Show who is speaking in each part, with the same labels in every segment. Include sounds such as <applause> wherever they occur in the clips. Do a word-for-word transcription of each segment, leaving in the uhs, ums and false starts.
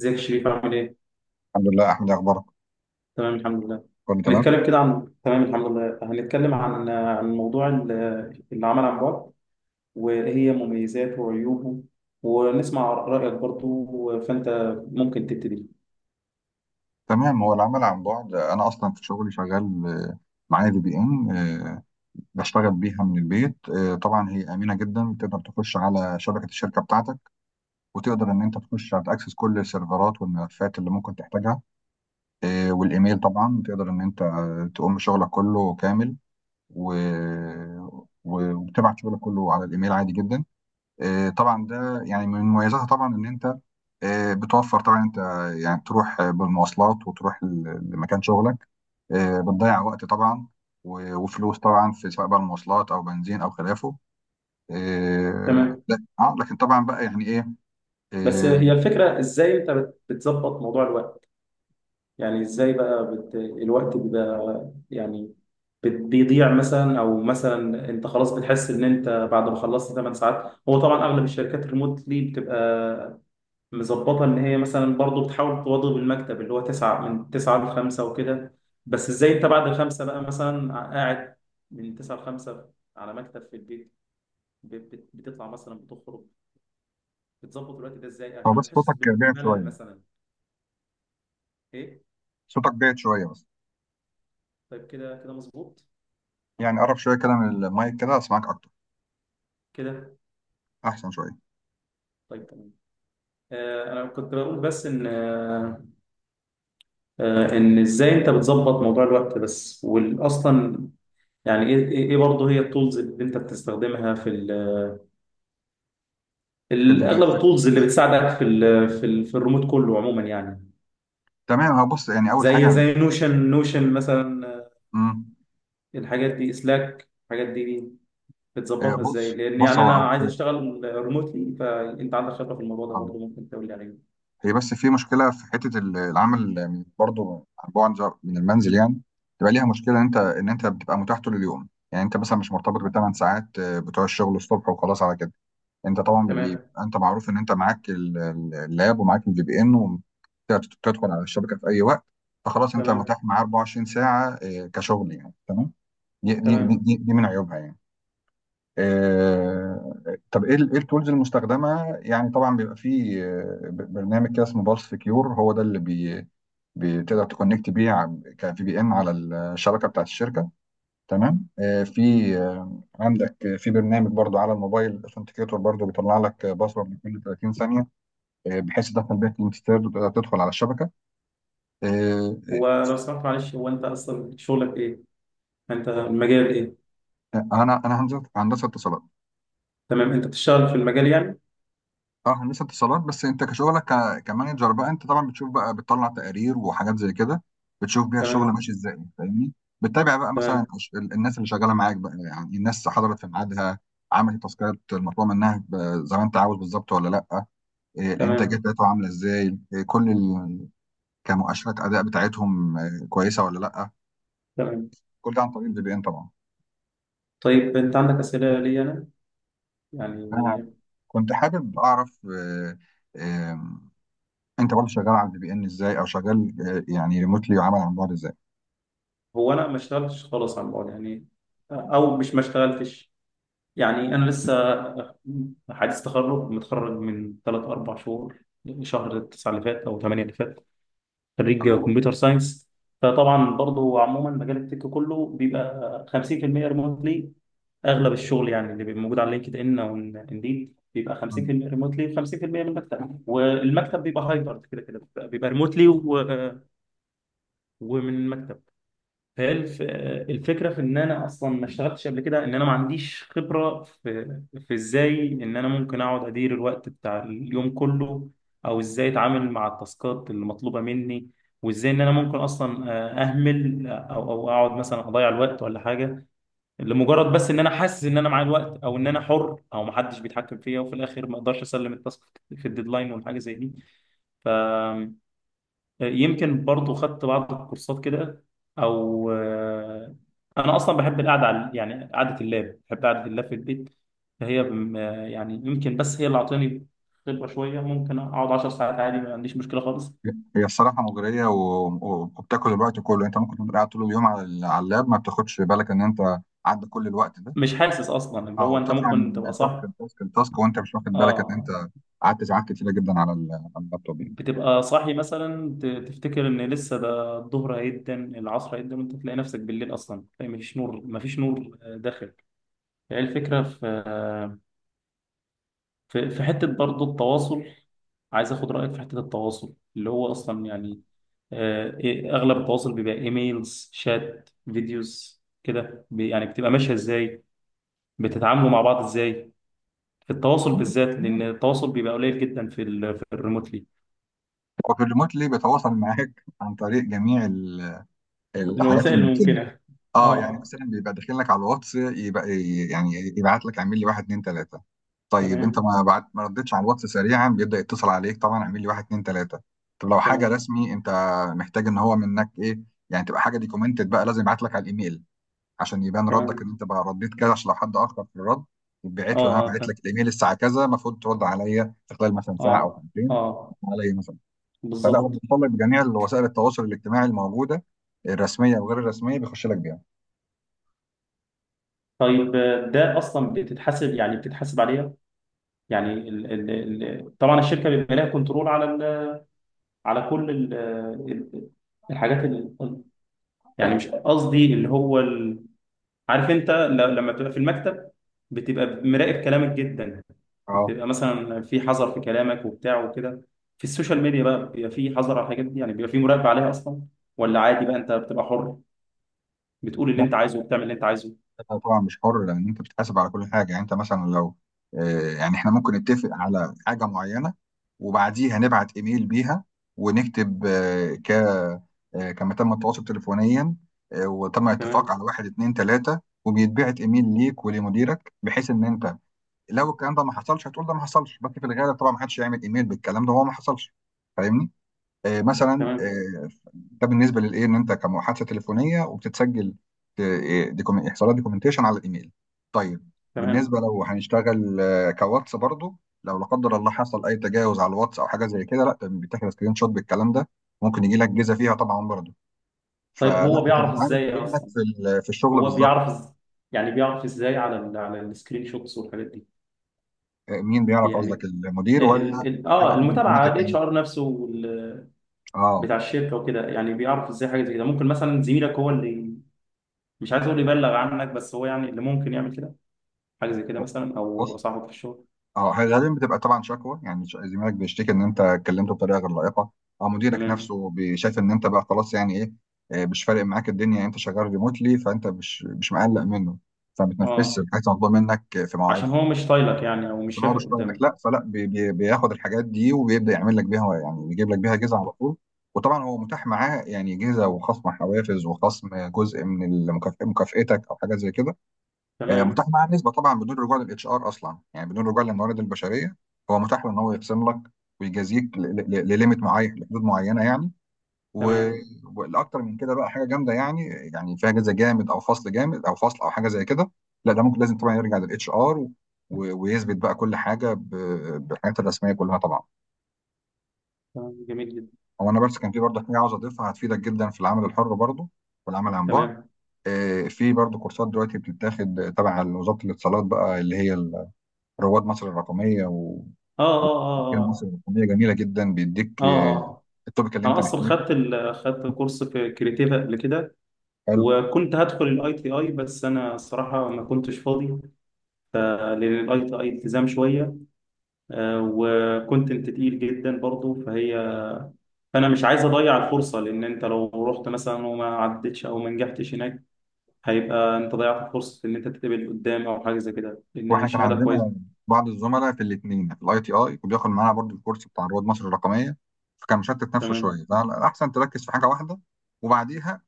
Speaker 1: ازيك يا شريف؟ عامل ايه؟
Speaker 2: الحمد لله. احمد، إيه اخبارك؟
Speaker 1: تمام، الحمد لله.
Speaker 2: كله تمام.
Speaker 1: هنتكلم كده عن تمام الحمد لله. هنتكلم عن عن موضوع ال- العمل عن بعد، وايه هي مميزاته وعيوبه، ونسمع رأيك برضو. فانت ممكن تبتدي.
Speaker 2: تمام. هو العمل عن بعد، انا اصلا في شغلي شغال، آه، معايا في بي ان، آه، بشتغل بيها من البيت. آه، طبعا هي امنه جدا، تقدر تخش على شبكه الشركه بتاعتك، وتقدر ان انت تخش تاكسس كل السيرفرات والملفات اللي ممكن تحتاجها. آه، والايميل طبعا تقدر ان انت آه، تقوم بشغلك كله كامل و... و- وبتبعت شغلك كله على الايميل عادي جدا. آه، طبعا ده يعني من مميزاتها، طبعا ان انت آه، بتوفر. طبعا انت يعني تروح آه، بالمواصلات وتروح ل- لمكان شغلك، آه، بتضيع وقت طبعا و- وفلوس طبعا، في سواء بقى المواصلات او بنزين او خلافه. آه،
Speaker 1: تمام،
Speaker 2: لا اه لكن طبعا بقى يعني ايه.
Speaker 1: بس
Speaker 2: آه،
Speaker 1: هي الفكرة، ازاي انت بت- بتظبط موضوع الوقت؟ يعني ازاي بقى بت... الوقت بيبقى يعني بت- بيضيع مثلا، او مثلا انت خلاص بتحس ان انت بعد ما خلصت 8 ساعات، هو طبعا اغلب الشركات ريموتلي بتبقى مظبطة إن هي مثلا برضه بتحاول تواظب المكتب اللي هو تسعة من تسعة لخمسة وكده. بس إزاي أنت بعد الخمسة بقى مثلا قاعد من تسعة لخمسة على مكتب في البيت، ب- بت- بتطلع مثلا، بتخرج؟ بتظبط الوقت ده إزاي
Speaker 2: هو
Speaker 1: عشان
Speaker 2: بس
Speaker 1: ما تحسش
Speaker 2: صوتك
Speaker 1: ب-
Speaker 2: بعد
Speaker 1: بملل
Speaker 2: شويه.
Speaker 1: مثلا؟ إيه؟
Speaker 2: صوتك بعد شويه بس.
Speaker 1: طيب. كده كده مظبوط.
Speaker 2: يعني قرب شويه كده من المايك كده، اسمعك اكتر،
Speaker 1: كده،
Speaker 2: احسن شويه.
Speaker 1: طيب، تمام. آه أنا كنت بقول، بس إن آه آه، إن إزاي أنت بتظبط موضوع الوقت بس، وأصلا يعني إيه إيه برضه هي التولز اللي أنت بتستخدمها في
Speaker 2: في
Speaker 1: ال-
Speaker 2: البيت
Speaker 1: اغلب
Speaker 2: في-
Speaker 1: التولز اللي بتساعدك في ال في ال في الريموت كله عموما، يعني
Speaker 2: تمام. هو بص، يعني اول
Speaker 1: زي
Speaker 2: حاجه.
Speaker 1: زي نوشن نوشن مثلا. آه،
Speaker 2: مم،
Speaker 1: الحاجات دي، اسلاك، الحاجات دي
Speaker 2: آه،
Speaker 1: بتظبطها ازاي؟
Speaker 2: بص
Speaker 1: لان
Speaker 2: بص
Speaker 1: يعني
Speaker 2: هو
Speaker 1: انا
Speaker 2: أو-
Speaker 1: عايز
Speaker 2: هو-
Speaker 1: اشتغل ريموتلي، فانت عندك خبره في الموضوع ده
Speaker 2: آه.
Speaker 1: برضه، ممكن تقول لي عليه.
Speaker 2: هي بس في مشكلة في حتة ال- العمل من- برضو عن بعد من المنزل، يعني تبقى ليها مشكلة إن أنت إن أنت بتبقى متاح طول اليوم. يعني أنت مثلا مش مرتبط بثمان ساعات آه، بتوع الشغل الصبح وخلاص على كده. أنت طبعا
Speaker 1: تمام،
Speaker 2: بيبقى أنت معروف إن أنت معاك ال- ال- اللاب ومعاك الفي بي إن، وتدخل على الشبكة في أي وقت. فخلاص أنت
Speaker 1: تمام،
Speaker 2: متاح معاه أربع وعشرين ساعة، آه، كشغل يعني. تمام. دي دي
Speaker 1: تمام.
Speaker 2: دي, دي من عيوبها يعني. آه، طب ايه ال- ايه التولز المستخدمه؟ يعني طبعا بيبقى فيه آه، ب- برنامج كده اسمه بالس سكيور، هو ده اللي بي بتقدر تكونكت بيه كفي بي ان على الشبكه بتاعت الشركه. تمام. آه، في آه، عندك آه، في برنامج برضو على الموبايل، اثنتيكيتور، برضو بيطلع لك باسورد كل ثلاثين ثانيه، آه، بحيث تدخل بيها كلمه سر وتقدر تدخل على الشبكه. آه،
Speaker 1: هو لو سمحت معلش، هو انت اصلا شغلك ايه؟ انت المجال ايه؟
Speaker 2: آه، انا انا هندسه هندسة اتصالات.
Speaker 1: تمام. انت بتشتغل في المجال يعني؟
Speaker 2: اه هندسه اتصالات. بس انت كشغلك ك- كمانجر بقى، انت طبعا بتشوف بقى، بتطلع تقارير وحاجات زي كده، بتشوف بيها الشغل
Speaker 1: تمام،
Speaker 2: ماشي ازاي، فاهمني. بتتابع بقى مثلا
Speaker 1: تمام،
Speaker 2: الش- ال- الناس اللي شغاله معاك بقى، يعني الناس حضرت في ميعادها، عملت التاسكات المطلوبه منها ب- زي ما انت عاوز بالظبط ولا لا، إيه، الانتاجيه
Speaker 1: تمام،
Speaker 2: بتاعتهم عامله ازاي، إيه، كل ال- كمؤشرات اداء بتاعتهم آه، كويسه ولا لا.
Speaker 1: تمام.
Speaker 2: كل ده عن طريق الفي بي ان طبعا.
Speaker 1: طيب انت عندك اسئله لي انا يعني؟
Speaker 2: انا كنت حابب اعرف آه، آه، انت برضه شغال على الفي بي ان ازاي، او شغال آه، يعني ريموتلي وعمل عن بعد ازاي.
Speaker 1: هو انا ما اشتغلتش خالص على الموضوع يعني، او مش ما اشتغلتش. يعني انا لسه حديث تخرج، متخرج من ثلاثة اربعة شهور، شهر تسعة اللي فات او تمانية اللي فات. خريج كمبيوتر ساينس. فطبعا برضو عموما، مجال التك كله بيبقى خمسين في المية ريموتلي. اغلب الشغل يعني اللي بيبقى موجود على لينكد ان او انديد بيبقى خمسين في المية ريموتلي، خمسين بالميه من المكتب، والمكتب بيبقى هايبرد. كده كده بيبقى ريموتلي ومن المكتب. فهي الف- الفكره في ان انا اصلا ما اشتغلتش قبل كده، ان انا ما عنديش خبره في في ازاي ان انا ممكن اقعد ادير الوقت بتاع اليوم كله، او ازاي اتعامل مع التاسكات اللي مطلوبه مني، وازاي ان انا ممكن اصلا آه، اهمل او او اقعد مثلا اضيع الوقت ولا حاجه، لمجرد بس ان انا حاسس ان انا معايا الوقت، او ان انا حر او ما حدش بيتحكم فيا، وفي الاخر ما اقدرش اسلم التاسك في الديدلاين ولا حاجه زي دي. ف، يمكن برضو خدت بعض الكورسات كده، او آه، انا اصلا بحب القعده على، يعني، قعده اللاب. بحب قعده اللاب في البيت. فهي بم- آه، يعني يمكن بس هي اللي اعطاني خبره شويه، ممكن اقعد 10 ساعات عادي، ما عنديش مشكله خالص.
Speaker 2: هي الصراحة مغرية و- و- وبتاكل الوقت كله، انت ممكن تبقى قاعد طول اليوم على ال- على اللاب، ما بتاخدش بالك ان انت عدى كل الوقت ده،
Speaker 1: مش حاسس اصلا، اللي
Speaker 2: او
Speaker 1: هو انت
Speaker 2: بتطلع
Speaker 1: ممكن تبقى
Speaker 2: من تاسك
Speaker 1: صاحي.
Speaker 2: لتاسك لتاسك وانت مش واخد بالك ان
Speaker 1: اه،
Speaker 2: انت قعدت ساعات كتيرة جدا على ال- على اللابتوب يعني.
Speaker 1: بتبقى صاحي مثلا، ت- تفتكر ان لسه ده الظهر، هيدن العصر، هيدن وانت تلاقي نفسك بالليل اصلا، مفيش نور، مفيش نور آه، داخل. هي الفكره في آه، في في حتة برضه، التواصل. عايز اخد رأيك في حتة التواصل، اللي هو اصلا يعني آه، إيه- اغلب التواصل بيبقى ايميلز، شات، فيديوز كده، بي- يعني بتبقى ماشية ازاي؟ بتتعاملوا مع بعض ازاي في التواصل بالذات؟ لان التواصل بيبقى قليل جدا في ال في الريموتلي.
Speaker 2: هو في الريموتلي بيتواصل معاك عن طريق جميع ال- الحاجات
Speaker 1: الوسائل
Speaker 2: الممكنة.
Speaker 1: الممكنة.
Speaker 2: اه، يعني
Speaker 1: اه،
Speaker 2: مثلا بيبقى داخل لك على الواتس، يبقى يعني يبعت لك اعمل لي واحد اتنين تلاته. طيب انت
Speaker 1: تمام،
Speaker 2: ما بعت، ما ردتش على الواتس سريعا، بيبدا يتصل عليك طبعا، اعمل لي واحد اتنين تلاته. طب لو حاجه
Speaker 1: تمام،
Speaker 2: رسمي انت محتاج ان هو منك ايه، يعني تبقى حاجه ديكومنتد بقى، لازم يبعت لك على الايميل، عشان يبان ردك
Speaker 1: تمام.
Speaker 2: ان انت بقى رديت كذا، عشان لو حد اخر في الرد
Speaker 1: اه،
Speaker 2: يتبعت له، انا
Speaker 1: اه،
Speaker 2: بعت
Speaker 1: تمام.
Speaker 2: لك الايميل الساعه كذا، المفروض ترد عليا في خلال مثلا ساعه او
Speaker 1: اه،
Speaker 2: ساعتين
Speaker 1: اه،
Speaker 2: عليا مثلا. فلا هو
Speaker 1: بالظبط.
Speaker 2: بيوصل لك بجميع وسائل التواصل الاجتماعي الموجوده، الرسميه وغير الرسميه، بيخش لك بيها.
Speaker 1: طيب، آه، ده اصلا بتتحاسب يعني، بتتحاسب عليها؟ يعني ال ال ال طبعا الشركه بيبقى لها كنترول على ال، على كل ال ال الحاجات ال، يعني مش قصدي اللي هو ال. عارف انت ل- لما بتبقى في المكتب بتبقى مراقب كلامك جدا،
Speaker 2: اه.
Speaker 1: وبتبقى مثلا في حذر في كلامك وبتاع وكده. في السوشيال ميديا بقى بيبقى في حذر على الحاجات دي، يعني بيبقى في مراقبه عليها اصلا، ولا عادي بقى انت بتبقى حر بتقول اللي
Speaker 2: لا،
Speaker 1: انت عايزه وبتعمل اللي انت عايزه؟
Speaker 2: أنت طبعا مش حر، لان انت بتتحاسب على كل حاجه. يعني انت مثلا لو آه، يعني احنا ممكن نتفق على حاجه معينه، وبعديها نبعت ايميل بيها، ونكتب آه، ك آه، كما تم التواصل تليفونيا، آه، وتم الاتفاق
Speaker 1: تمام،
Speaker 2: على واحد اتنين تلاته، وبيتبعت ايميل ليك ولمديرك، بحيث ان انت لو الكلام ده ما حصلش هتقول ده ما حصلش. بس في الغالب طبعا ما حدش هيعمل ايميل بالكلام ده، هو ما حصلش، فاهمني؟ آه، مثلا
Speaker 1: تمام،
Speaker 2: آه، ده بالنسبه للايه ان انت كمحادثه تليفونيه وبتتسجل، آه، دوكيوم- يحصل لها دوكيومنتيشن على الايميل. طيب
Speaker 1: تمام.
Speaker 2: بالنسبه لو هنشتغل آه، كواتس برضو، لو لا قدر الله حصل اي تجاوز على الواتس او حاجه زي كده، لا ده بتاخد سكرين شوت بالكلام ده، ممكن يجي لك جيزه فيها طبعا برضو.
Speaker 1: طيب هو
Speaker 2: فلا انت
Speaker 1: بيعرف
Speaker 2: بتتعامل
Speaker 1: ازاي
Speaker 2: كانك
Speaker 1: اصلا،
Speaker 2: في ال- في الشغل
Speaker 1: هو
Speaker 2: بالظبط.
Speaker 1: بيعرف إز- يعني بيعرف ازاي على ال على السكرين شوتس والحاجات دي؟
Speaker 2: آه، مين بيعرف؟ قصدك
Speaker 1: يعني
Speaker 2: المدير،
Speaker 1: آه، ال
Speaker 2: ولا
Speaker 1: ال
Speaker 2: حاجه
Speaker 1: اه المتابعه،
Speaker 2: اوتوماتيك
Speaker 1: الاتش
Speaker 2: يعني؟
Speaker 1: ار نفسه، وال-
Speaker 2: اه.
Speaker 1: بتاع الشركه وكده، يعني بيعرف ازاي حاجه زي كده؟ ممكن مثلا زميلك هو اللي، مش عايز اقول يبلغ عنك، بس هو يعني اللي ممكن يعمل كده، حاجه زي كده، مثلا، او صاحبك في الشغل.
Speaker 2: اه غالبا بتبقى طبعا شكوى، يعني ش- زميلك بيشتكي ان انت اتكلمته بطريقه غير لائقه، او مديرك
Speaker 1: تمام.
Speaker 2: نفسه بي- شايف ان انت بقى خلاص، يعني ايه، آه، مش فارق معاك الدنيا. يعني انت شغال ريموتلي، فانت مش مش مقلق منه، فما بتنفذش
Speaker 1: اه،
Speaker 2: الحاجات المطلوبه منك في
Speaker 1: عشان
Speaker 2: مواعيدها،
Speaker 1: هو مش طايلك يعني، او مش
Speaker 2: عشان هو
Speaker 1: شايفك
Speaker 2: بيشتغلك.
Speaker 1: قدامه.
Speaker 2: لا، فلا بي بي بياخد الحاجات دي وبيبدا يعمل لك بيها، يعني بيجيب لك بيها جزء على طول. وطبعا هو متاح معاه، يعني جزء وخصم حوافز وخصم جزء من المكافأ- مكافأتك، او حاجه زي كده. آه،
Speaker 1: تمام،
Speaker 2: متاح معاه نسبه طبعا بدون رجوع للاتش ار اصلا، يعني بدون رجوع للموارد البشريه، هو متاح له ان هو يقسم لك ويجازيك ل- ل- لليميت معين، لحدود معينه يعني. و-
Speaker 1: تمام،
Speaker 2: والاكتر من كده بقى حاجه جامده يعني، يعني فيها جزء جامد او فصل جامد او فصل او حاجه زي كده، لا ده ممكن لازم طبعا يرجع للاتش ار، ويثبت بقى كل حاجه ب- بالحاجات الرسميه كلها طبعا.
Speaker 1: تمام جميل جدا.
Speaker 2: هو انا بس كان في برضه حاجه عاوز اضيفها، هتفيدك جدا في العمل الحر برضه والعمل عن بعد.
Speaker 1: تمام،
Speaker 2: آه، في برضه كورسات دلوقتي بتتاخد تبع وزاره الاتصالات، بقى اللي هي رواد مصر الرقميه. و
Speaker 1: اه، اه،
Speaker 2: ومجال مصر
Speaker 1: اه،
Speaker 2: الرقميه جميله جدا، بيديك
Speaker 1: اه، اه،
Speaker 2: آه،
Speaker 1: آه.
Speaker 2: التوبيك اللي
Speaker 1: انا
Speaker 2: انت
Speaker 1: اصلا
Speaker 2: محتاجه.
Speaker 1: خدت ال... خدت كورس في كريتيفا قبل كده،
Speaker 2: حلو.
Speaker 1: وكنت هدخل الاي تي اي بس انا صراحه ما كنتش فاضي، آه، لان الاي تي اي التزام شويه، آه، وكنت تقيل جدا برضه فهي، فانا مش عايز اضيع الفرصه، لان انت لو رحت مثلا وما عدتش او ما نجحتش هناك، هيبقى انت ضيعت فرصه ان انت تتقبل قدام او حاجه زي كده، لان
Speaker 2: واحنا كان
Speaker 1: الشهاده
Speaker 2: عندنا
Speaker 1: كويسه.
Speaker 2: بعض الزملاء في الاثنين، في الاي تي اي، وبياخد معانا برضو الكورس بتاع رواد مصر الرقميه، فكان مشتت نفسه
Speaker 1: تمام،
Speaker 2: شويه، فالاحسن تركز في حاجه واحده، وبعديها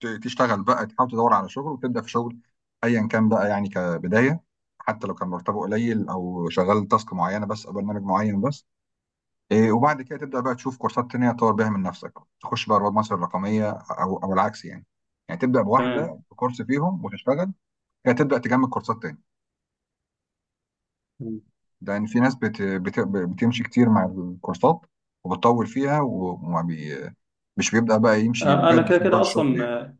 Speaker 2: ت- تشتغل بقى، تحاول تدور على شغل وتبدا في شغل، ايا كان بقى يعني كبدايه، حتى لو كان مرتبه قليل، او شغال تاسك معينه بس، او برنامج معين بس. إيه، وبعد كده تبدأ بقى تشوف كورسات تانية تطور بيها من نفسك، تخش بقى رواد مصر الرقمية، أو أو العكس يعني، يعني تبدأ
Speaker 1: تمام.
Speaker 2: بواحدة بكورس فيهم وتشتغل كده، تبدأ تجمع كورسات تاني، لأن في ناس بت... بت... بتمشي كتير مع الكورسات، وبتطول فيها، وما بي... مش بيبدأ بقى يمشي
Speaker 1: آه، انا
Speaker 2: بجد
Speaker 1: كده
Speaker 2: في موضوع
Speaker 1: كده
Speaker 2: الشغل
Speaker 1: اصلا،
Speaker 2: يعني.
Speaker 1: آه،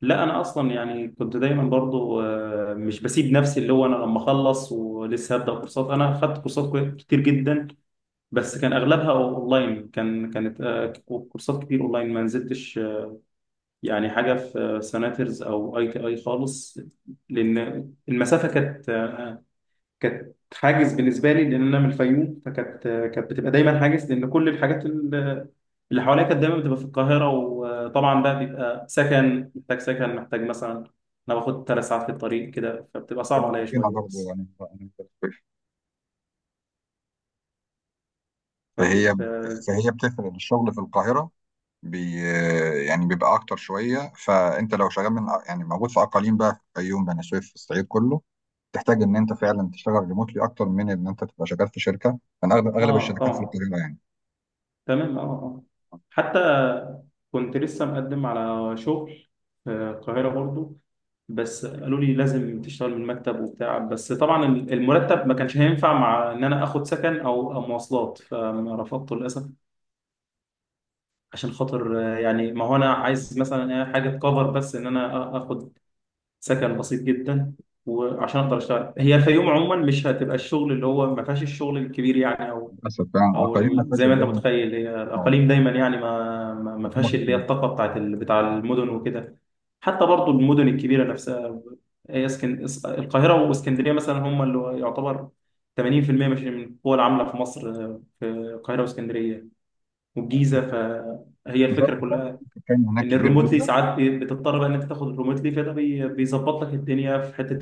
Speaker 1: لا انا اصلا يعني كنت دايما برضو، آه، مش بسيب نفسي. اللي هو انا لما اخلص ولسه هبدا كورسات، انا خدت كورسات كوي- كتير جدا، بس كان اغلبها اونلاين. كان كانت آه، كورسات كتير اونلاين ما نزلتش، آه، يعني حاجه في، آه، سناترز او اي تي اي خالص. لان المسافه كانت آه، كانت حاجز بالنسبه لي، لان انا من الفيوم، فكانت آه، كانت بتبقى دايما حاجز، لان كل الحاجات ال- اللي حواليا كانت دايما بتبقى في القاهره. وطبعا بقى بيبقى سكن، محتاج سكن، محتاج مثلا، انا باخد ثلاث ساعات في الطريق كده، فبتبقى
Speaker 2: انت
Speaker 1: صعبه
Speaker 2: من
Speaker 1: عليا
Speaker 2: هنا
Speaker 1: شويه
Speaker 2: برضه
Speaker 1: بس.
Speaker 2: يعني؟ أنا- أنا- فهي
Speaker 1: طيب، اه.
Speaker 2: فهي بتفرق الشغل في القاهرة، بي... يعني بيبقى أكتر شوية. فأنت لو شغال من، يعني موجود في أقاليم بقى، في الفيوم، بني سويف، في الصعيد كله، تحتاج ان انت فعلا تشتغل ريموتلي، اكتر من ان انت تبقى شغال في شركه. انا اغلب، اغلب
Speaker 1: آه،
Speaker 2: الشركات في
Speaker 1: طبعا،
Speaker 2: القاهره يعني،
Speaker 1: تمام، اه، اه. حتى كنت لسه مقدم على شغل في القاهرة برضو، بس قالوا لي لازم تشتغل من المكتب وبتاع. بس طبعا المرتب ما كانش هينفع مع ان انا اخد سكن او أو مواصلات، فرفضته للاسف. عشان خاطر، آه، يعني، ما هو انا عايز مثلا، آه، حاجه تكفر بس ان انا آ- اخد سكن بسيط جدا، وعشان اقدر اشتغل. هي الفيوم عموما مش هتبقى الشغل اللي هو ما فيهاش الشغل الكبير يعني،
Speaker 2: للاسف فعلا. اه،
Speaker 1: او
Speaker 2: قليل ما
Speaker 1: ال-
Speaker 2: فيهاش
Speaker 1: زي ما انت
Speaker 2: الدنيا.
Speaker 1: متخيل، هي
Speaker 2: أه،
Speaker 1: الاقاليم دايما يعني ما ما ما
Speaker 2: الحكومه
Speaker 1: فيهاش
Speaker 2: في
Speaker 1: اللي هي
Speaker 2: الحاجات دي.
Speaker 1: الطاقه بتاعت ال- بتاع المدن وكده. حتى برضو المدن الكبيره نفسها، هي اسكن... اس- القاهره واسكندريه مثلا هم اللي يعتبر ثمانين في المية، مش من القوى العامله في مصر، آه، في القاهره واسكندريه والجيزه. فهي
Speaker 2: بسبب
Speaker 1: الفكره كلها
Speaker 2: السكان هناك
Speaker 1: ان
Speaker 2: كبير
Speaker 1: الريموتلي
Speaker 2: جدا.
Speaker 1: ساعات بي- بتضطر بقى ان انت تاخد الريموتلي، فده بي- بيظبط لك الدنيا في حته،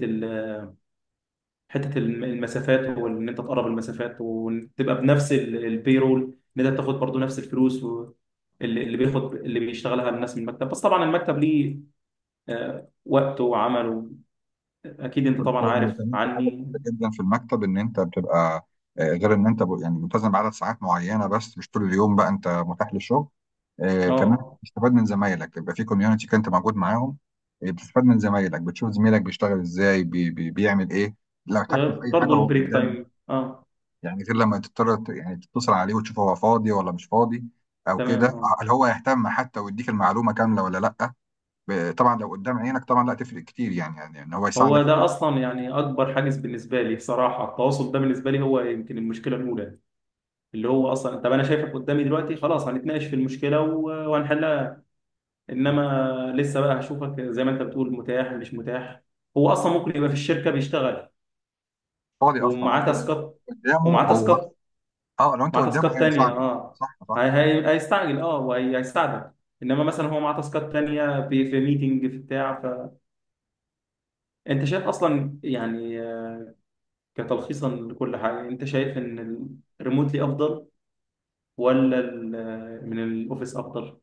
Speaker 1: حته الم- المسافات، وان انت تقرب المسافات وتبقى بنفس رول، ان انت تاخد برضو نفس الفلوس و- اللي اللي بياخد، اللي بيشتغلها الناس من المكتب. بس طبعا المكتب ليه آه، وقته وعمله، اكيد انت
Speaker 2: و-
Speaker 1: طبعا عارف
Speaker 2: وكمان في حاجه
Speaker 1: عني.
Speaker 2: كبيرة جدا في المكتب، ان انت بتبقى آه، غير ان انت ب- يعني ملتزم بعدد ساعات معينه بس، مش طول اليوم بقى انت متاح للشغل. آه، كمان
Speaker 1: اه،
Speaker 2: بتستفاد من زمايلك، يبقى في كوميونتي كنت موجود معاهم، آه، بتستفاد من زمايلك، بتشوف زميلك بيشتغل ازاي، بي بي بيعمل ايه، لو احتاجته في
Speaker 1: آه،
Speaker 2: اي حاجه
Speaker 1: برضو
Speaker 2: هو
Speaker 1: البريك
Speaker 2: قدامك.
Speaker 1: تايم، اه،
Speaker 2: يعني غير لما تضطر ت- يعني تتصل عليه وتشوف هو فاضي ولا مش فاضي او
Speaker 1: تمام،
Speaker 2: كده،
Speaker 1: اه.
Speaker 2: هل هو يهتم حتى ويديك المعلومه كامله ولا لا. ب- طبعا لو قدام عينك طبعا لا تفرق كتير يعني، يعني ان هو يساعدك
Speaker 1: هو
Speaker 2: في
Speaker 1: ده
Speaker 2: حاجه.
Speaker 1: اصلا يعني اكبر حاجز بالنسبه لي صراحه، التواصل ده بالنسبه لي هو يمكن المشكله الاولى. اللي هو اصلا، طب انا شايفك قدامي دلوقتي خلاص، هنتناقش في المشكله و- وهنحلها. انما لسه بقى هشوفك زي ما انت بتقول، متاح مش متاح. هو اصلا ممكن يبقى في الشركه بيشتغل
Speaker 2: فاضي اصلا بعد
Speaker 1: ومعاه
Speaker 2: كده.
Speaker 1: تاسكات
Speaker 2: قدامه
Speaker 1: ومعاه
Speaker 2: هو.
Speaker 1: تاسكات
Speaker 2: اه لو انت
Speaker 1: معاه
Speaker 2: قدامه
Speaker 1: تاسكات تانية،
Speaker 2: هيساعدك.
Speaker 1: اه.
Speaker 2: صح صح.
Speaker 1: هي هي هيستعجل، اه، وهيستعجل. انما مثلا هو معاه تاسكات تانية في في ميتنج في بتاع. فانت شايف اصلا يعني، آه، كتلخيصا لكل حاجه، انت شايف ان الريموتلي افضل ولا ال- آه، من الاوفيس افضل؟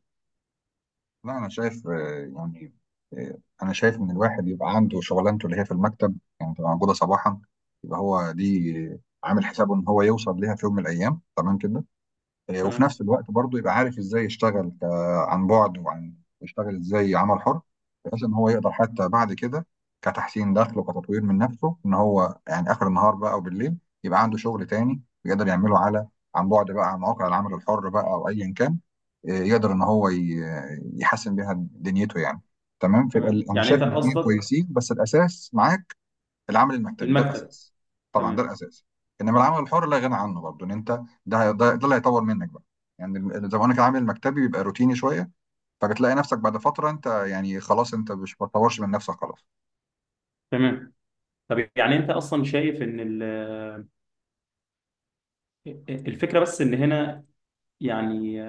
Speaker 2: لا، انا شايف آه، يعني آه، انا شايف ان الواحد يبقى عنده شغلانته اللي هي في المكتب، يعني تبقى موجوده صباحا، يبقى هو دي آه، عامل حسابه ان هو يوصل ليها في يوم من الايام، تمام كده. آه، وفي
Speaker 1: تمام،
Speaker 2: نفس الوقت برضه يبقى عارف ازاي يشتغل ك- عن بعد، وعن يشتغل ازاي عمل حر، بحيث ان هو يقدر حتى بعد كده كتحسين دخل وكتطوير من نفسه، ان هو يعني اخر النهار بقى، او بالليل، يبقى عنده شغل تاني يقدر يعمله على عن بعد بقى، على مواقع العمل الحر بقى، او ايا كان. آه، يقدر ان هو ي- يحسن بيها دنيته يعني. تمام. فيبقى
Speaker 1: تمام.
Speaker 2: ال- انا
Speaker 1: يعني
Speaker 2: شايف
Speaker 1: انت
Speaker 2: الاثنين
Speaker 1: قصدك
Speaker 2: كويسين، بس الاساس معاك العمل المكتبي، ده
Speaker 1: المكتب.
Speaker 2: الاساس. طبعا ده
Speaker 1: تمام،
Speaker 2: الاساس. انما العمل الحر لا غنى عنه برضه، ان انت ده هي- ده, ده اللي هيطور منك بقى. يعني ال- زي ما قلنا كده، العمل المكتبي بيبقى روتيني شويه، فبتلاقي نفسك بعد فتره انت يعني خلاص، انت مش بتطورش من نفسك خلاص.
Speaker 1: تمام. طب يعني انت اصلا شايف ان ال- الفكره بس ان هنا، يعني،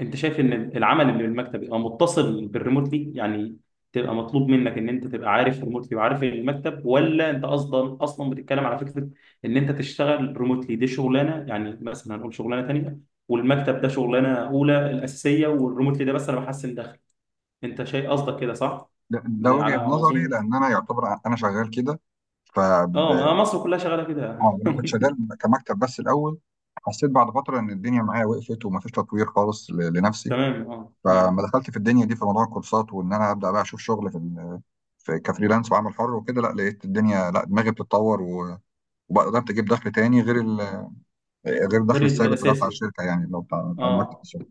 Speaker 1: انت شايف ان العمل اللي بالمكتب يبقى متصل بالريموتلي، يعني تبقى مطلوب منك ان انت تبقى عارف ريموتلي وعارف المكتب، ولا انت اصلا اصلا بتتكلم على فكره ان انت تشتغل ريموتلي دي شغلانه، يعني مثلا هنقول شغلانه تانيه، والمكتب ده شغلانه اولى الاساسيه، والريموتلي ده بس انا بحسن دخل. انت شايف قصدك كده صح؟
Speaker 2: ده, ده
Speaker 1: زي
Speaker 2: وجهه
Speaker 1: على ما
Speaker 2: نظري،
Speaker 1: اظن.
Speaker 2: لان انا يعتبر ع- انا شغال كده. ف
Speaker 1: اه،
Speaker 2: ب-
Speaker 1: ما مصر كلها شغاله كده.
Speaker 2: آه، لما كنت شغال كمكتب بس الاول، حسيت بعد فتره ان الدنيا معايا وقفت، ومفيش تطوير خالص ل-
Speaker 1: <laughs>
Speaker 2: لنفسي،
Speaker 1: تمام، اه، مم.
Speaker 2: فما دخلت في الدنيا دي في موضوع الكورسات، وان انا ابدا بقى اشوف شغل في في كفريلانس وعمل حر وكده، لا لقيت الدنيا لا دماغي بتتطور، و- وبقدرت اجيب دخل تاني غير ال... غير
Speaker 1: غير
Speaker 2: الدخل الثابت اللي هو بتاع
Speaker 1: الاساسي،
Speaker 2: الشركه، يعني اللي هو بتاع بتاع المكتب
Speaker 1: اه،
Speaker 2: الشغل.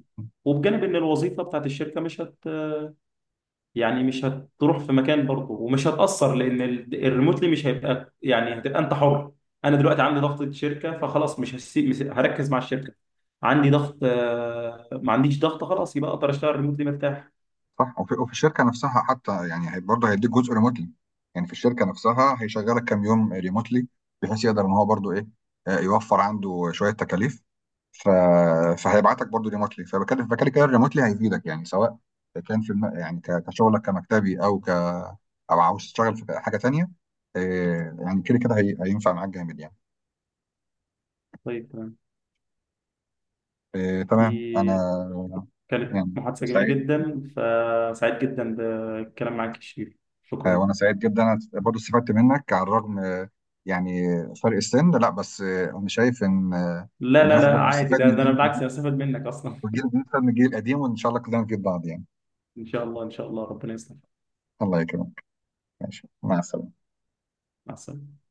Speaker 1: وبجانب ان الوظيفه بتاعت الشركه مش هت يعني مش هتروح في مكان برضه، ومش هتاثر، لان ال- الريموتلي مش هيبقى، يعني هتبقى انت حر. انا دلوقتي عندي ضغط شركه، فخلاص مش هسيب، مش هركز مع الشركه. عندي ضغط، آه، ما عنديش ضغط خلاص يبقى اقدر اشتغل ريموتلي مرتاح.
Speaker 2: صح. وفي... وفي الشركه نفسها حتى يعني هي- برضه هيديك جزء ريموتلي، يعني في الشركه نفسها هيشغلك كام يوم ريموتلي، بحيث يقدر ان هو برضه ايه، آه، يوفر عنده شويه تكاليف. ف... فهيبعتك برضه ريموتلي. فبكلم فكده كده الريموتلي هيفيدك يعني، سواء كان في الم... يعني ك... كشغلك كمكتبي، او ك... او عاوز تشتغل في حاجه تانيه. آه، يعني كده كده هي... هينفع معاك جامد يعني.
Speaker 1: طيب، تمام.
Speaker 2: إيه تمام. انا
Speaker 1: دي كانت
Speaker 2: يعني
Speaker 1: محادثه جميله
Speaker 2: سعيد.
Speaker 1: جدا، فسعيد جدا بالكلام معاك يا شيرين.
Speaker 2: آه،
Speaker 1: شكرا.
Speaker 2: وانا سعيد جدا. انا برضو استفدت منك، على الرغم آه، يعني فرق السن، لا بس آه، انا شايف ان آه،
Speaker 1: لا،
Speaker 2: ان
Speaker 1: لا،
Speaker 2: الواحد
Speaker 1: لا
Speaker 2: برضو
Speaker 1: عادي،
Speaker 2: استفاد
Speaker 1: ده
Speaker 2: من
Speaker 1: ده انا
Speaker 2: جيل،
Speaker 1: بالعكس هستفاد منك اصلا.
Speaker 2: وجيل بيستفاد من الجيل القديم، وان شاء الله كلنا نفيد بعض يعني.
Speaker 1: ان شاء الله، ان شاء الله، ربنا يسلمك.
Speaker 2: الله يكرمك. ماشي، مع السلامه.
Speaker 1: مع السلامه.